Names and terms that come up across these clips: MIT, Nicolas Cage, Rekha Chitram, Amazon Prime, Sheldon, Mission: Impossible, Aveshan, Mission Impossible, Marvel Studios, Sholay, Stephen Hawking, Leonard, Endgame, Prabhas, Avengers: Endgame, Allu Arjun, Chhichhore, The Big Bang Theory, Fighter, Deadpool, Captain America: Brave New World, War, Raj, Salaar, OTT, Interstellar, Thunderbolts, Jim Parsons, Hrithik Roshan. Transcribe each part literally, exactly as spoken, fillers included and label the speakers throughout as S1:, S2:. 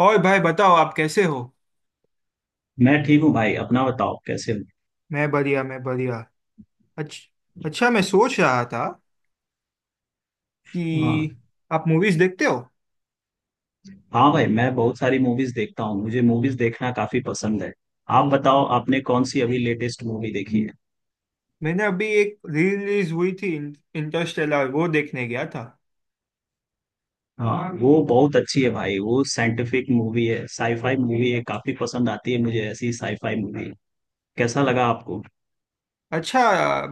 S1: और भाई बताओ, आप कैसे हो?
S2: मैं ठीक हूँ भाई। अपना बताओ कैसे हो।
S1: मैं बढ़िया, मैं बढ़िया। अच्छा, अच्छा, मैं सोच रहा था कि
S2: हाँ,
S1: आप मूवीज देखते हो।
S2: हाँ भाई, मैं बहुत सारी मूवीज देखता हूँ। मुझे मूवीज देखना काफी पसंद है। आप बताओ, आपने कौन सी अभी लेटेस्ट मूवी देखी है?
S1: मैंने अभी एक रिलीज हुई थी, इंटरस्टेलर, वो देखने गया था।
S2: हाँ, वो बहुत अच्छी है भाई, वो साइंटिफिक मूवी है, साईफाई मूवी है, काफी पसंद आती है मुझे ऐसी साईफाई मूवी। कैसा लगा आपको?
S1: अच्छा।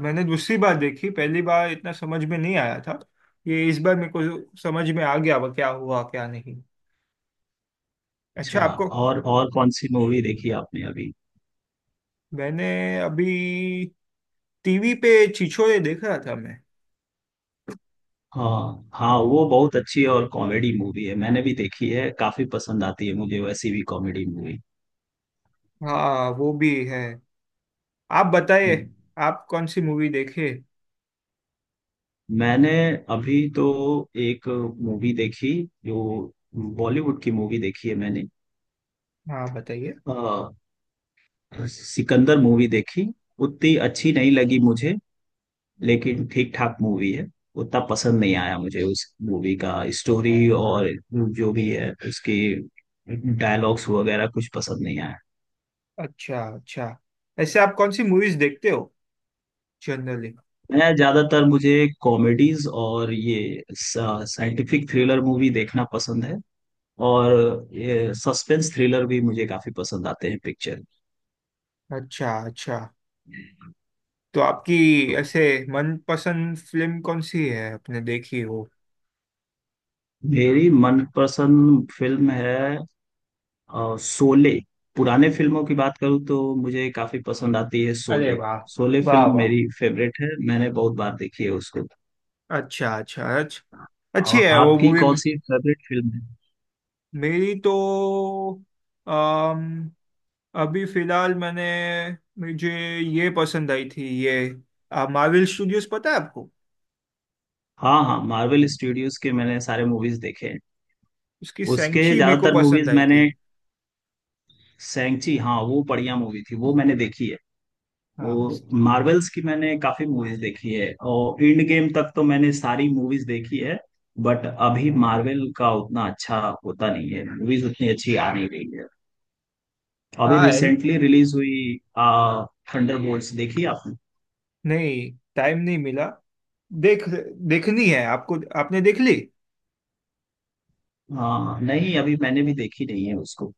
S1: मैंने दूसरी बार देखी, पहली बार इतना समझ में नहीं आया था। ये इस बार मेरे को समझ में आ गया, वो क्या हुआ क्या नहीं। अच्छा।
S2: अच्छा।
S1: आपको?
S2: और और कौन सी मूवी देखी आपने अभी?
S1: मैंने अभी टीवी पे छिछोरे देखा था मैं।
S2: हाँ, हाँ, वो बहुत अच्छी और कॉमेडी मूवी है, मैंने भी देखी है, काफी पसंद आती है मुझे वैसी भी कॉमेडी मूवी।
S1: हाँ, वो भी है। आप बताइए, आप कौन सी मूवी देखे।
S2: मैंने अभी तो एक मूवी देखी, जो बॉलीवुड की मूवी देखी है मैंने।
S1: हाँ, बताइए।
S2: अ, सिकंदर मूवी देखी। उतनी अच्छी नहीं लगी मुझे, लेकिन ठीक ठाक मूवी है। उतना पसंद नहीं आया मुझे उस मूवी का। स्टोरी और जो भी है उसकी, डायलॉग्स वगैरह कुछ पसंद नहीं आया।
S1: अच्छा, अच्छा। ऐसे आप कौन सी मूवीज देखते हो जनरली?
S2: मैं ज्यादातर, मुझे कॉमेडीज और ये साइंटिफिक थ्रिलर मूवी देखना पसंद है। और ये सस्पेंस थ्रिलर भी मुझे काफी पसंद आते हैं पिक्चर।
S1: अच्छा, अच्छा। तो आपकी
S2: तो
S1: ऐसे मनपसंद फिल्म कौन सी है आपने देखी हो?
S2: मेरी मनपसंद फिल्म है अ, शोले। पुराने फिल्मों की बात करूँ तो मुझे काफी पसंद आती है
S1: अरे
S2: शोले।
S1: वाह।
S2: शोले
S1: वाह,
S2: फिल्म
S1: वाह।
S2: मेरी फेवरेट है, मैंने बहुत बार देखी है उसको।
S1: अच्छा, अच्छा, अच्छा। अच्छी
S2: और
S1: है वो
S2: आपकी
S1: मूवी।
S2: कौन सी फेवरेट फिल्म है?
S1: मेरी तो अम, अभी फिलहाल मैंने, मुझे ये पसंद आई थी, ये मार्वल स्टूडियोज, पता है आपको?
S2: हाँ, हाँ, मार्वल स्टूडियोज के मैंने सारे मूवीज देखे हैं।
S1: उसकी
S2: उसके
S1: सैंची मेरे को
S2: ज्यादातर
S1: पसंद
S2: मूवीज
S1: आई थी।
S2: मैंने, सैंची, हाँ, वो बढ़िया मूवी थी, वो मैंने देखी है।
S1: हाँ, उस-
S2: वो मार्वल्स की मैंने काफी मूवीज देखी है, और एंड गेम तक तो मैंने सारी मूवीज देखी है। बट अभी मार्वल का उतना अच्छा होता नहीं है, मूवीज उतनी अच्छी आ नहीं रही है। अभी
S1: हाँ,
S2: रिसेंटली रिलीज हुई, आ, थंडरबोल्ट्स देखी आपने?
S1: नहीं, टाइम नहीं मिला। देख देखनी है आपको? आपने देख ली?
S2: हाँ नहीं, अभी मैंने भी देखी नहीं है उसको।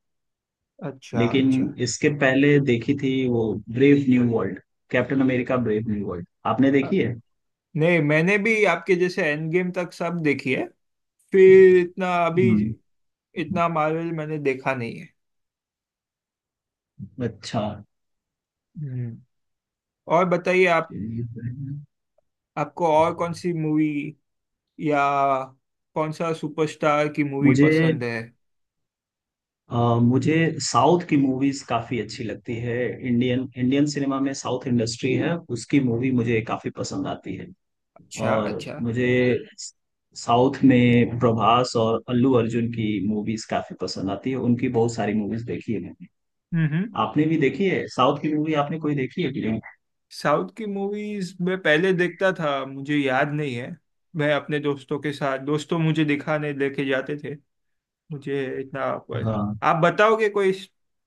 S1: अच्छा,
S2: लेकिन
S1: अच्छा।
S2: इसके पहले देखी थी वो, brave new world, captain America brave new world आपने
S1: अ,
S2: देखी है?
S1: नहीं, मैंने भी आपके जैसे एंड गेम तक सब देखी है। फिर इतना अभी
S2: हम्म।
S1: इतना मार्वल मैंने देखा नहीं है।
S2: अच्छा।
S1: हम्म। और बताइए आप आपको और कौन सी मूवी या कौन सा सुपरस्टार की मूवी
S2: मुझे
S1: पसंद है?
S2: अ, मुझे साउथ की मूवीज काफी अच्छी लगती है। इंडियन इंडियन सिनेमा में साउथ इंडस्ट्री है, उसकी मूवी मुझे काफी पसंद आती है।
S1: अच्छा,
S2: और
S1: अच्छा।
S2: मुझे साउथ में प्रभास और अल्लू अर्जुन की मूवीज काफी पसंद आती है, उनकी बहुत सारी मूवीज देखी है मैंने।
S1: हम्म।
S2: आपने भी देखी है साउथ की मूवी? आपने कोई देखी है कि नहीं?
S1: साउथ की मूवीज मैं पहले देखता था, मुझे याद नहीं है। मैं अपने दोस्तों के साथ, दोस्तों मुझे दिखाने लेके जाते थे। मुझे इतना पर
S2: हाँ,
S1: आप बताओगे कोई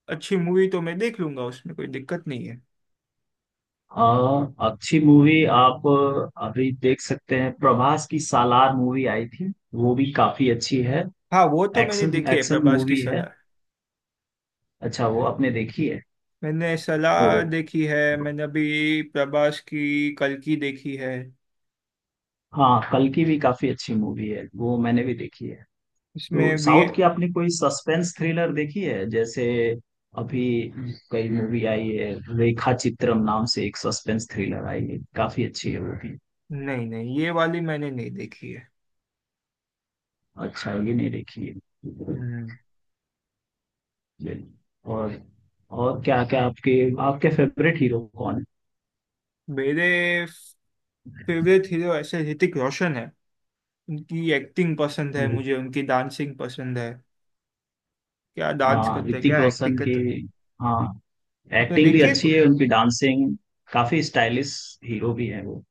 S1: अच्छी मूवी तो मैं देख लूंगा, उसमें कोई दिक्कत नहीं है।
S2: अ, अच्छी मूवी आप अभी देख सकते हैं, प्रभास की सालार मूवी आई थी, वो भी काफी अच्छी है।
S1: हाँ, वो तो मैंने
S2: एक्शन
S1: देखी है,
S2: एक्शन
S1: प्रभास की
S2: मूवी है।
S1: सलाह।
S2: अच्छा, वो आपने देखी है।
S1: मैंने
S2: तो
S1: सलाह देखी है, मैंने अभी प्रभास की कल की देखी है।
S2: हाँ, कल की भी काफी अच्छी मूवी है, वो मैंने भी देखी है। तो
S1: इसमें भी
S2: साउथ की आपने कोई सस्पेंस थ्रिलर देखी है? जैसे अभी कई मूवी आई है, रेखा चित्रम नाम से एक सस्पेंस थ्रिलर आई है, काफी अच्छी है वो भी।
S1: नहीं, नहीं, ये वाली मैंने नहीं देखी है।
S2: अच्छा, ये नहीं देखी है। चलिए।
S1: हम्म।
S2: और और क्या क्या आपके आपके फेवरेट हीरो कौन
S1: मेरे फेवरेट हीरो ऐसे ऋतिक रोशन है। उनकी एक्टिंग पसंद है
S2: है?
S1: मुझे, उनकी डांसिंग पसंद है। क्या डांस
S2: हाँ,
S1: करते हैं,
S2: ऋतिक
S1: क्या एक्टिंग
S2: रोशन की,
S1: करते हैं।
S2: हाँ,
S1: आपने
S2: एक्टिंग भी
S1: देखी है?
S2: अच्छी है, उनकी डांसिंग काफी स्टाइलिश। हीरो भी है वो।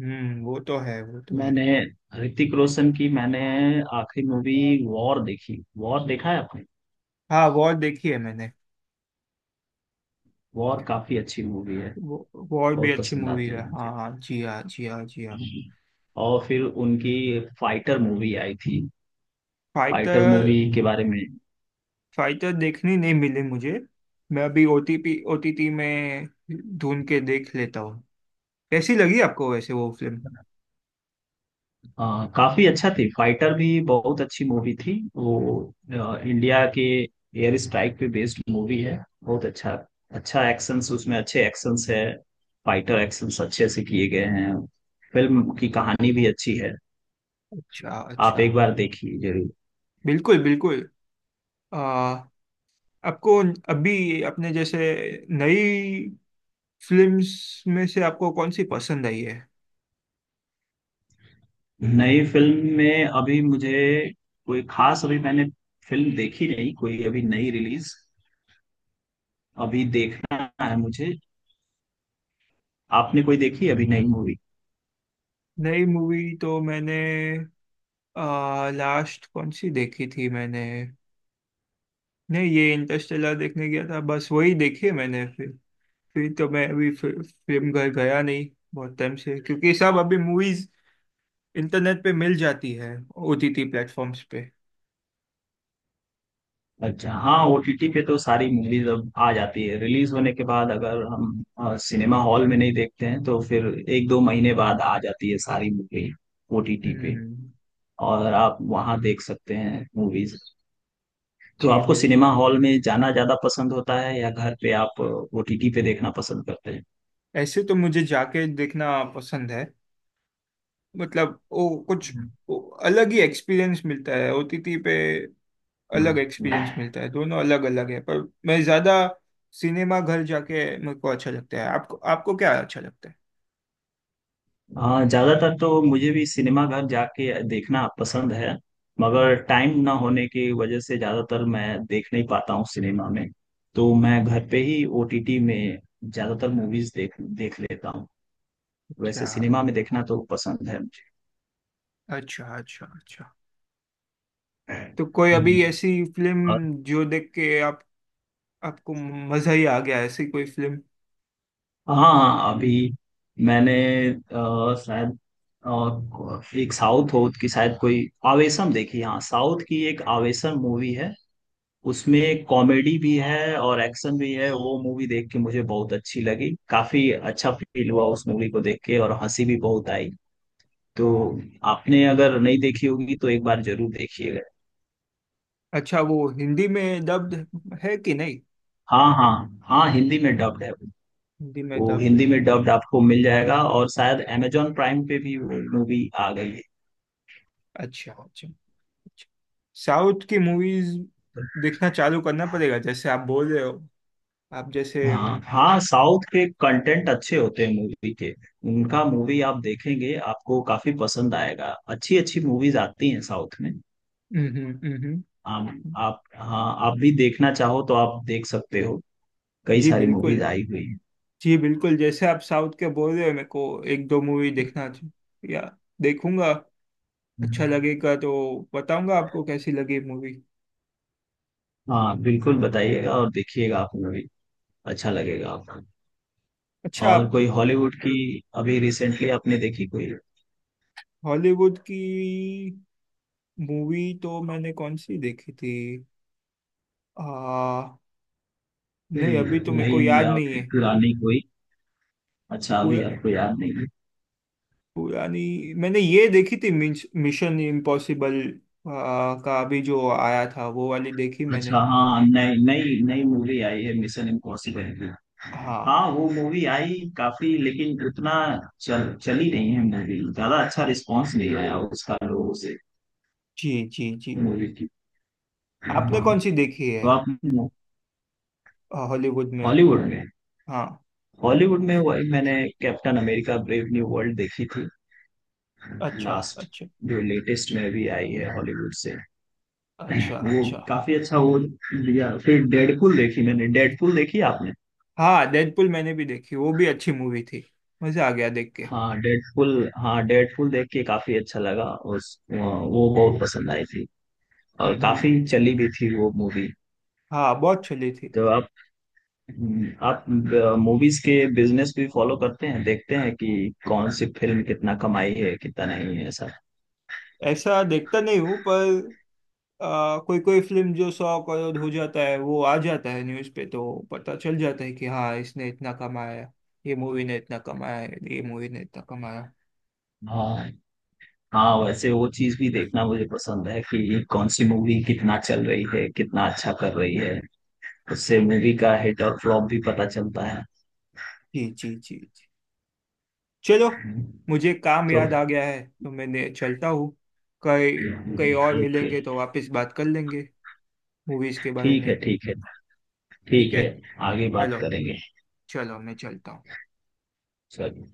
S1: हम्म, वो तो है, वो तो है।
S2: मैंने ऋतिक रोशन की, मैंने आखिरी मूवी वॉर देखी। वॉर देखा है आपने?
S1: हाँ, वॉर देखी है मैंने।
S2: वॉर काफी अच्छी मूवी है,
S1: वॉर भी
S2: बहुत
S1: अच्छी
S2: पसंद
S1: मूवी
S2: आती
S1: है।
S2: है मुझे।
S1: हाँ जी, हाँ जी, हाँ जी, हाँ।
S2: और फिर उनकी फाइटर मूवी आई थी। Fighter movie
S1: fighter.
S2: के बारे में,
S1: फाइटर देखनी नहीं मिली मुझे। मैं अभी ओटीपी ओटीटी में ढूंढ के देख लेता हूँ। कैसी लगी आपको वैसे वो फिल्म?
S2: आ, काफी अच्छा थी। फाइटर भी बहुत अच्छी मूवी थी वो, आ, इंडिया के एयर स्ट्राइक पे बेस्ड मूवी है। बहुत अच्छा। अच्छा एक्शंस, उसमें अच्छे एक्शंस है। फाइटर एक्शंस अच्छे से किए गए हैं। फिल्म की कहानी भी अच्छी है।
S1: अच्छा,
S2: आप
S1: अच्छा।
S2: एक बार देखिए जरूर।
S1: बिल्कुल, बिल्कुल। आ, आपको अभी अपने जैसे नई फिल्म्स में से आपको कौन सी पसंद आई है?
S2: नई फिल्म में अभी मुझे, कोई खास अभी मैंने फिल्म देखी नहीं कोई अभी नई रिलीज। अभी देखना है मुझे। आपने कोई देखी है अभी नई मूवी?
S1: नई मूवी तो मैंने, आ, लास्ट कौन सी देखी थी मैंने? नहीं, ये इंटरस्टेलर देखने गया था, बस वही देखी है मैंने। फिर फिर तो मैं अभी फिर, फिल्म घर गया नहीं बहुत टाइम से, क्योंकि सब अभी मूवीज इंटरनेट पे मिल जाती है, ओटीटी प्लेटफॉर्म्स पे।
S2: अच्छा, हाँ, ओटीटी पे तो सारी मूवीज अब आ जाती है रिलीज होने के बाद, अगर हम अ, सिनेमा हॉल में नहीं देखते हैं तो फिर एक दो महीने बाद आ जाती है सारी मूवी ओटीटी पे।
S1: हम्म।
S2: और आप वहाँ देख सकते हैं मूवीज। तो
S1: जी
S2: आपको
S1: बिल्कुल।
S2: सिनेमा हॉल में जाना ज्यादा पसंद होता है, या घर पे आप ओटीटी पे देखना पसंद करते
S1: ऐसे तो मुझे जाके देखना पसंद है। मतलब वो कुछ, वो अलग ही एक्सपीरियंस मिलता है। ओटीटी पे अलग एक्सपीरियंस
S2: हैं?
S1: मिलता है, दोनों अलग अलग है। पर मैं ज्यादा सिनेमा घर जाके मेरे को अच्छा लगता है। आपको आपको क्या अच्छा लगता है?
S2: हाँ, ज्यादातर तो मुझे भी सिनेमा घर जाके देखना पसंद है, मगर टाइम ना होने की वजह से ज्यादातर मैं देख नहीं पाता हूँ सिनेमा में। तो मैं घर पे ही ओटीटी में ज्यादातर मूवीज देख देख लेता हूँ।
S1: अच्छा,
S2: वैसे सिनेमा में देखना तो पसंद है मुझे।
S1: अच्छा, अच्छा, अच्छा। तो कोई अभी
S2: हम्म।
S1: ऐसी
S2: और
S1: फिल्म जो देख के आप आपको मजा ही आ गया, ऐसी कोई फिल्म?
S2: हाँ, अभी मैंने अ, शायद, अ, एक साउथ हो की शायद कोई आवेशम देखी, हाँ साउथ की एक आवेशम मूवी है। उसमें कॉमेडी भी है और एक्शन भी है। वो मूवी देख के मुझे बहुत अच्छी लगी, काफी अच्छा फील हुआ उस मूवी को देख के, और हंसी भी बहुत आई। तो आपने अगर नहीं देखी होगी तो एक बार जरूर देखिएगा।
S1: अच्छा, वो हिंदी में डब्ड है कि नहीं?
S2: हाँ, हाँ। हाँ, हिंदी में डब्ड है वो।
S1: हिंदी में
S2: वो
S1: डब्ड
S2: हिंदी में
S1: है।
S2: डब्ड आपको मिल जाएगा, और शायद अमेजोन प्राइम पे भी मूवी आ गई है।
S1: अच्छा, अच्छा, अच्छा। साउथ की मूवीज देखना चालू करना पड़ेगा, जैसे आप बोल रहे हो। आप जैसे।
S2: हाँ, हाँ, साउथ के कंटेंट अच्छे होते हैं मूवी के। उनका मूवी आप देखेंगे, आपको काफी पसंद आएगा। अच्छी अच्छी मूवीज आती हैं साउथ में।
S1: हम्म, हम्म, हम्म, हम्म।
S2: आप आप हाँ, आप भी देखना चाहो तो आप देख सकते हो, कई
S1: जी
S2: सारी
S1: बिल्कुल।
S2: मूवीज आई हुई हैं।
S1: जी बिल्कुल, जैसे आप साउथ के बोल रहे हो, मेरे को एक दो मूवी देखना चाहिए या देखूंगा। अच्छा लगेगा तो बताऊंगा आपको कैसी लगी मूवी।
S2: हाँ बिल्कुल, बताइएगा और देखिएगा आप मूवी। अच्छा लगेगा आपको।
S1: अच्छा,
S2: और
S1: आप
S2: कोई हॉलीवुड की अभी रिसेंटली आपने देखी कोई?
S1: हॉलीवुड की मूवी तो मैंने कौन सी देखी थी? आ, नहीं, अभी तो
S2: कोई
S1: मेरे को
S2: नई
S1: याद
S2: या
S1: नहीं
S2: फिर
S1: है।
S2: पुरानी कोई? अच्छा, अभी
S1: पुरा,
S2: आपको याद नहीं है।
S1: पुरानी मैंने ये देखी थी, मिश, मिशन इम्पॉसिबल, आ, का अभी जो आया था वो वाली देखी मैंने।
S2: अच्छा, हाँ, नई नई नई मूवी आई है मिशन इम्पॉसिबल की। हाँ,
S1: हाँ।
S2: वो मूवी आई काफी, लेकिन उतना चल चली नहीं है मूवी, ज्यादा अच्छा रिस्पांस नहीं आया उसका लोगों से
S1: जी, जी, जी।
S2: मूवी।
S1: आपने
S2: हाँ,
S1: कौन सी देखी है?
S2: तो आप
S1: अ, हॉलीवुड में?
S2: हॉलीवुड में?
S1: हाँ।
S2: हॉलीवुड में वही मैंने Captain America brave new World देखी थी
S1: अच्छा,
S2: लास्ट,
S1: अच्छा,
S2: जो लेटेस्ट में भी आई है हॉलीवुड से।
S1: अच्छा,
S2: वो
S1: अच्छा।
S2: काफी अच्छा। वो दिया, फिर डेडपुल देखी मैंने। डेडपुल देखी आपने?
S1: हाँ, डेडपुल मैंने भी देखी, वो भी अच्छी मूवी थी। मजा आ गया देख के।
S2: हाँ, डेडपुल, हाँ, डेडपुल देख के काफी अच्छा लगा। उस, वो बहुत पसंद आई थी,
S1: हम्म,
S2: और
S1: हम्म।
S2: काफी चली भी थी वो मूवी।
S1: हाँ, बहुत चली थी।
S2: तो हम्म, आप मूवीज के बिजनेस भी फॉलो करते हैं, देखते हैं कि कौन सी फिल्म कितना कमाई है कितना नहीं है, ऐसा?
S1: ऐसा देखता नहीं हूँ, पर आ, कोई कोई फिल्म जो सौ करोड़ हो जाता है वो आ जाता है न्यूज़ पे, तो पता चल जाता है कि हाँ इसने इतना कमाया, ये मूवी ने इतना कमाया, ये मूवी ने इतना कमाया।
S2: हाँ, हाँ, वैसे वो चीज भी देखना मुझे पसंद है कि कौन सी मूवी कितना चल रही है, कितना अच्छा कर रही है। उससे मूवी का हिट और फ्लॉप भी पता चलता है।
S1: जी, जी, जी, जी। चलो,
S2: हम्म,
S1: मुझे काम
S2: तो
S1: याद आ गया है तो मैंने चलता हूँ। कई कई और
S2: ओके।
S1: मिलेंगे तो वापस बात कर लेंगे मूवीज के बारे
S2: ठीक
S1: में।
S2: है, ठीक है, ठीक
S1: ठीक है।
S2: है, आगे बात
S1: चलो।
S2: करेंगे।
S1: चलो, मैं चलता हूँ।
S2: चलो।